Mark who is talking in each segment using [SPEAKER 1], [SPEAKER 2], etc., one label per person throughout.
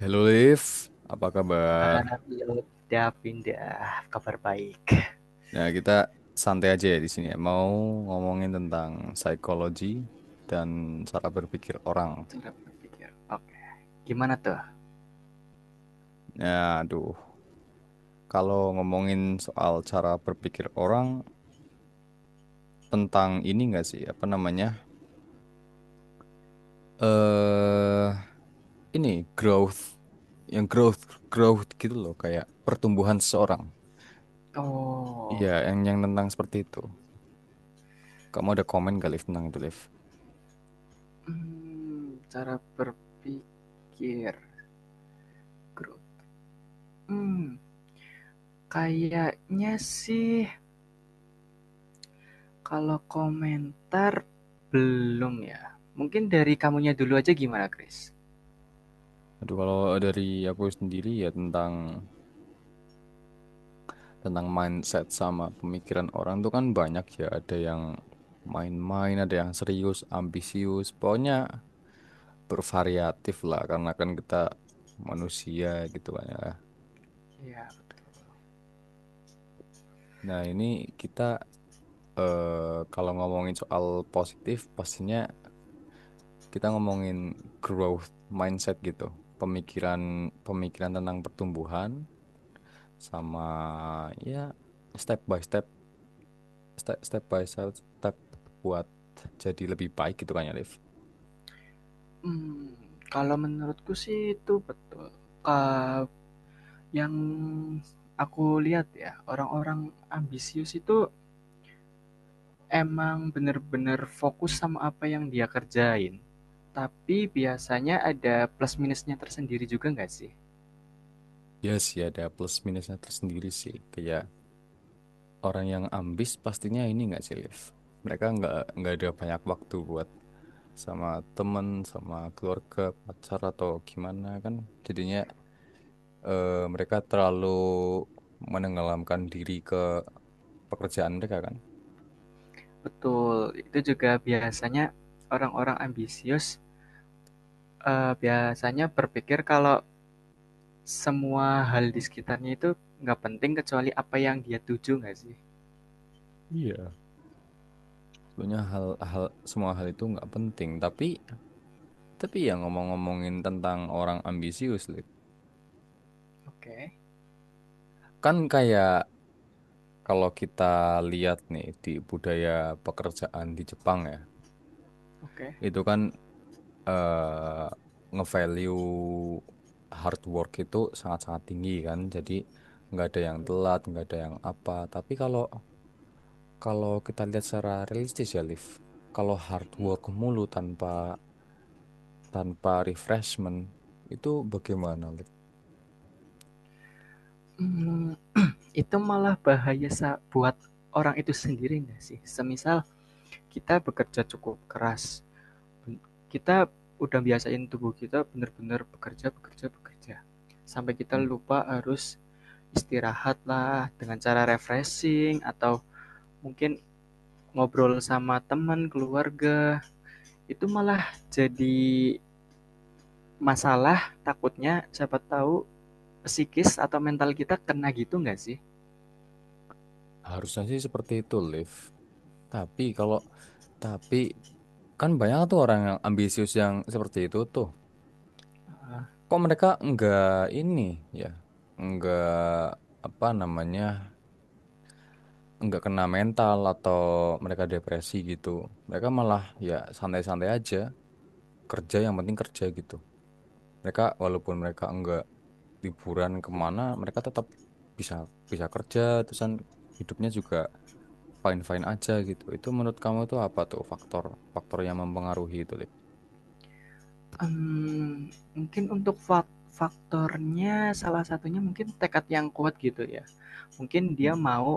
[SPEAKER 1] Halo Liv, apa kabar?
[SPEAKER 2] Halo, udah pindah. Kabar baik.
[SPEAKER 1] Nah, kita santai aja ya di sini ya. Mau ngomongin tentang psikologi dan cara berpikir orang.
[SPEAKER 2] Cara berpikir. Oke. Okay. Gimana tuh?
[SPEAKER 1] Ya, aduh, kalau ngomongin soal cara berpikir orang tentang ini nggak sih, apa namanya? Eh, ini growth, yang growth growth gitu loh, kayak pertumbuhan seseorang. Iya,
[SPEAKER 2] Oh.
[SPEAKER 1] yang tentang seperti itu. Kamu ada komen gak Liv tentang itu, Liv?
[SPEAKER 2] Cara berpikir grup. Hmm, kayaknya sih kalau komentar belum ya. Mungkin dari kamunya dulu aja gimana, Chris?
[SPEAKER 1] Aduh, kalau dari aku sendiri ya tentang tentang mindset sama pemikiran orang tuh kan banyak ya. Ada yang main-main, ada yang serius, ambisius. Pokoknya bervariatif lah karena kan kita manusia gitu kan ya.
[SPEAKER 2] Ya betul.
[SPEAKER 1] Nah, ini kita kalau ngomongin soal positif pastinya kita ngomongin growth mindset gitu. Pemikiran pemikiran tentang pertumbuhan sama ya step by step step by step buat jadi lebih baik gitu kan ya Liv.
[SPEAKER 2] Hmm, kalau menurutku sih itu betul. Eh, yang aku lihat ya, orang-orang ambisius itu emang bener-bener fokus sama apa yang dia kerjain. Tapi biasanya ada plus minusnya tersendiri juga nggak sih?
[SPEAKER 1] Ya sih ada plus minusnya tersendiri sih. Kayak orang yang ambis pastinya ini nggak sih, Liv? Mereka nggak ada banyak waktu buat sama temen, sama keluarga, pacar atau gimana kan. Jadinya mereka terlalu menenggelamkan diri ke pekerjaan mereka kan.
[SPEAKER 2] Betul, itu juga biasanya orang-orang ambisius, biasanya berpikir kalau semua hal di sekitarnya itu nggak penting kecuali apa yang dia tuju nggak sih?
[SPEAKER 1] Iya. Sebenarnya semua hal itu nggak penting. Tapi ya ngomong-ngomongin tentang orang ambisius, Liv.
[SPEAKER 2] Oke,
[SPEAKER 1] Kan kayak kalau kita lihat nih di budaya pekerjaan di Jepang ya,
[SPEAKER 2] oke.
[SPEAKER 1] itu kan eh nge-value hard work itu sangat-sangat tinggi kan. Jadi nggak ada yang telat, nggak ada yang apa. Tapi kalau kalau kita lihat secara realistis ya, Liv, kalau hard work mulu tanpa tanpa refreshment itu bagaimana, Liv?
[SPEAKER 2] Hmm, itu malah bahaya buat orang itu sendiri nggak sih? Semisal kita bekerja cukup keras, kita udah biasain tubuh kita benar-benar bekerja, bekerja, bekerja. Sampai kita
[SPEAKER 1] Hmm.
[SPEAKER 2] lupa harus istirahat lah dengan cara refreshing atau mungkin ngobrol sama teman, keluarga. Itu malah jadi masalah takutnya siapa tahu psikis atau mental kita kena gitu nggak sih?
[SPEAKER 1] Harusnya sih seperti itu, Liv. Tapi kalau tapi kan banyak tuh orang yang ambisius yang seperti itu tuh. Kok mereka nggak ini ya? Nggak, apa namanya, nggak kena mental atau mereka depresi gitu. Mereka malah ya santai-santai aja, kerja yang penting kerja gitu. Walaupun mereka nggak liburan kemana, mereka tetap bisa bisa kerja, terus kan hidupnya juga fine-fine aja gitu. Itu menurut kamu itu apa tuh faktor faktor yang mempengaruhi itu, Liv?
[SPEAKER 2] Mungkin untuk faktornya salah satunya mungkin tekad yang kuat gitu ya. Mungkin dia
[SPEAKER 1] Hmm.
[SPEAKER 2] mau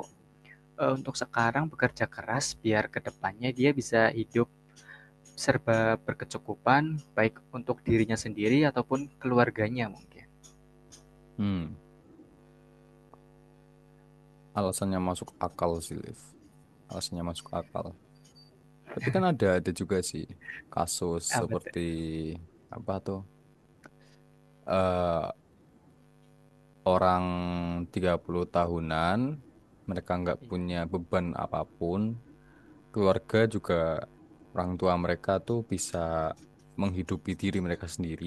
[SPEAKER 2] Untuk sekarang bekerja keras biar kedepannya dia bisa hidup serba berkecukupan, baik untuk dirinya sendiri ataupun keluarganya mungkin.
[SPEAKER 1] Hmm. Alasannya masuk akal sih, Liv. Alasannya masuk akal. Tapi kan ada juga sih kasus
[SPEAKER 2] Ah betul.
[SPEAKER 1] seperti apa tuh? Eh, orang 30 tahunan, mereka nggak
[SPEAKER 2] Iya.
[SPEAKER 1] punya beban apapun, keluarga juga orang tua mereka tuh bisa menghidupi diri mereka sendiri,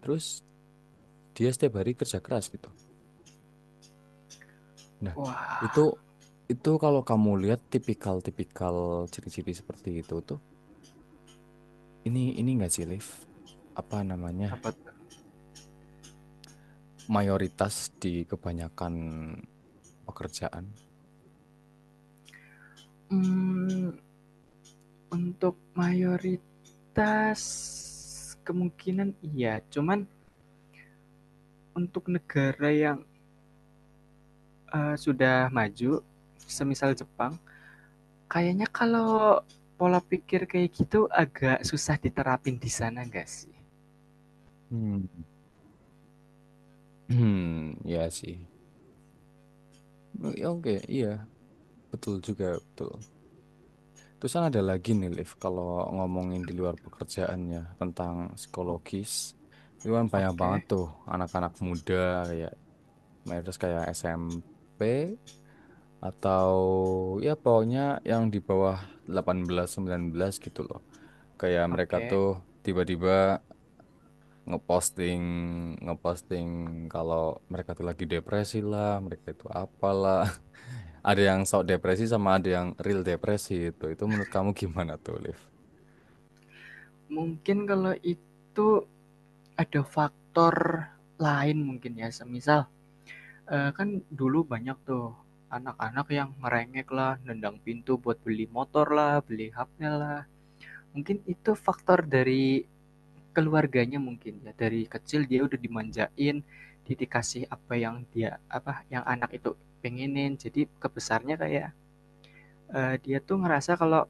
[SPEAKER 1] terus dia setiap hari kerja keras gitu. Nah, itu
[SPEAKER 2] Wah,
[SPEAKER 1] itu kalau kamu lihat tipikal-tipikal ciri-ciri seperti itu tuh, ini nggak sih, Liv? Apa namanya?
[SPEAKER 2] apa tuh?
[SPEAKER 1] Mayoritas di kebanyakan pekerjaan.
[SPEAKER 2] Mmm, untuk mayoritas kemungkinan iya, cuman untuk negara yang, sudah maju, semisal Jepang, kayaknya kalau pola pikir kayak gitu agak susah diterapin di sana nggak sih?
[SPEAKER 1] Hmm. Hmm, ya sih. Ya, oke, iya. Betul juga, betul. Terus kan ada lagi nih, Liv, kalau ngomongin di luar pekerjaannya tentang psikologis, itu kan banyak banget
[SPEAKER 2] Oke
[SPEAKER 1] tuh anak-anak muda kayak mayoritas kayak SMP atau ya pokoknya yang di bawah 18 19 gitu loh. Kayak mereka
[SPEAKER 2] oke.
[SPEAKER 1] tuh tiba-tiba ngeposting ngeposting kalau mereka tuh lagi depresi lah, mereka itu apalah. Ada yang sok depresi sama ada yang real depresi itu. Itu menurut kamu gimana tuh, Liv?
[SPEAKER 2] Mungkin kalau itu ada faktor lain mungkin ya, semisal, kan dulu banyak tuh anak-anak yang ngerengek lah, nendang pintu buat beli motor lah, beli HP lah. Mungkin itu faktor dari keluarganya mungkin ya, dari kecil dia udah dimanjain, dia dikasih apa yang dia apa, yang anak itu pengenin. Jadi kebesarnya kayak, dia tuh ngerasa kalau,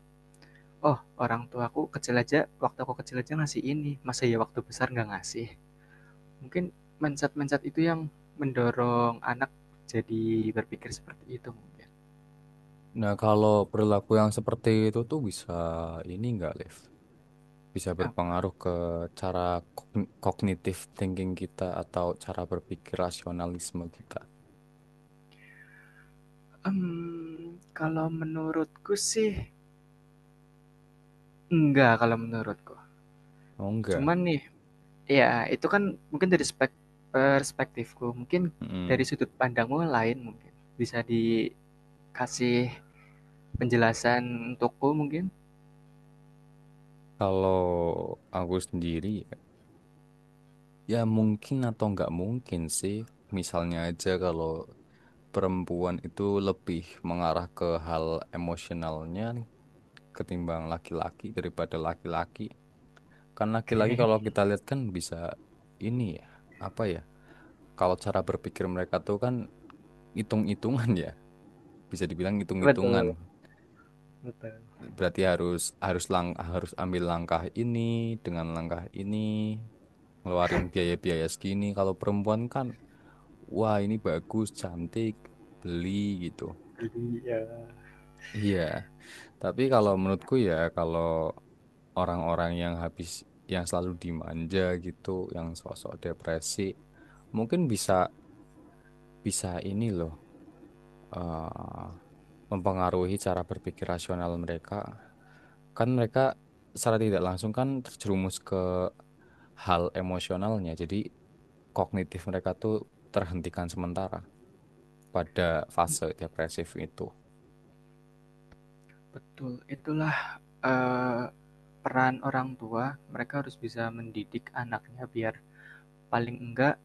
[SPEAKER 2] "Oh, orang tuaku kecil aja waktu aku kecil aja ngasih ini, masa ya waktu besar nggak ngasih?" Mungkin mindset-mindset itu yang mendorong anak jadi berpikir seperti itu mungkin.
[SPEAKER 1] Nah, kalau perilaku yang seperti itu tuh bisa ini nggak, Liv? Bisa
[SPEAKER 2] Apa?
[SPEAKER 1] berpengaruh ke cara kognitif thinking kita atau cara berpikir rasionalisme kita.
[SPEAKER 2] Kalau menurutku sih enggak kalau menurutku.
[SPEAKER 1] Oh, enggak.
[SPEAKER 2] Cuman nih ya itu kan mungkin dari perspektifku, mungkin dari
[SPEAKER 1] Mm.
[SPEAKER 2] sudut pandangmu lain mungkin. Bisa dikasih penjelasan untukku mungkin?
[SPEAKER 1] Kalau aku sendiri, ya mungkin atau nggak mungkin sih. Misalnya aja kalau perempuan itu lebih mengarah ke hal emosionalnya ketimbang laki-laki daripada laki-laki. Kan laki-laki
[SPEAKER 2] Oke,
[SPEAKER 1] kalau kita lihat kan bisa ini ya, apa ya? Kalau cara berpikir mereka tuh kan hitung-hitungan ya, bisa dibilang
[SPEAKER 2] Okay.
[SPEAKER 1] hitung-hitungan.
[SPEAKER 2] Betul betul.
[SPEAKER 1] Berarti harus harus lang harus ambil langkah ini dengan langkah ini, ngeluarin biaya-biaya segini. Kalau perempuan kan, wah ini bagus, cantik, beli gitu.
[SPEAKER 2] Jadi ya,
[SPEAKER 1] Iya, tapi kalau menurutku ya kalau orang-orang yang selalu dimanja gitu, yang sosok depresi, mungkin bisa bisa ini loh, eh, mempengaruhi cara berpikir rasional mereka. Kan mereka secara tidak langsung kan terjerumus ke hal emosionalnya, jadi kognitif mereka tuh terhentikan sementara pada fase depresif itu.
[SPEAKER 2] betul, itulah, eee, peran orang tua, mereka harus bisa mendidik anaknya biar paling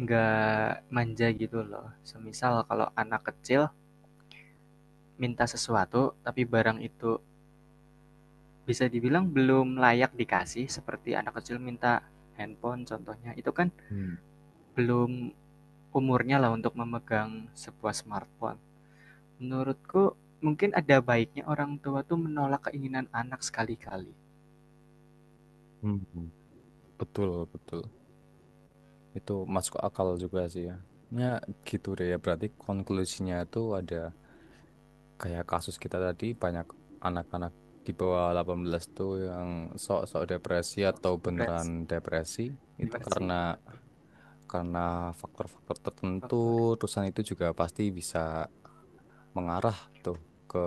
[SPEAKER 2] enggak manja gitu loh. Semisal kalau anak kecil minta sesuatu tapi barang itu bisa dibilang belum layak dikasih seperti anak kecil minta handphone contohnya itu kan
[SPEAKER 1] Hmm.
[SPEAKER 2] belum umurnya lah untuk memegang sebuah smartphone. Menurutku mungkin ada baiknya orang tua tuh menolak keinginan anak sekali-kali.
[SPEAKER 1] Hmm, betul, betul. Itu masuk akal juga sih ya. Ya gitu deh ya. Berarti konklusinya itu ada kayak kasus kita tadi banyak anak-anak di bawah 18 tuh yang sok-sok depresi
[SPEAKER 2] So,
[SPEAKER 1] atau
[SPEAKER 2] so,
[SPEAKER 1] beneran depresi itu karena
[SPEAKER 2] betul.
[SPEAKER 1] karena faktor-faktor tertentu
[SPEAKER 2] Faktor
[SPEAKER 1] terusan itu juga pasti bisa mengarah tuh ke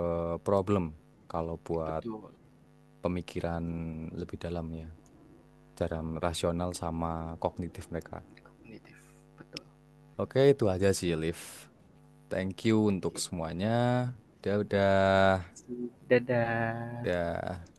[SPEAKER 1] problem kalau buat
[SPEAKER 2] betul,
[SPEAKER 1] pemikiran lebih dalamnya dalam
[SPEAKER 2] betul.
[SPEAKER 1] rasional sama kognitif mereka.
[SPEAKER 2] Kognitif betul.
[SPEAKER 1] Oke, itu aja sih, Liv. Thank you untuk
[SPEAKER 2] Oke.
[SPEAKER 1] semuanya. Udah,
[SPEAKER 2] Okay. Dadah.
[SPEAKER 1] udah.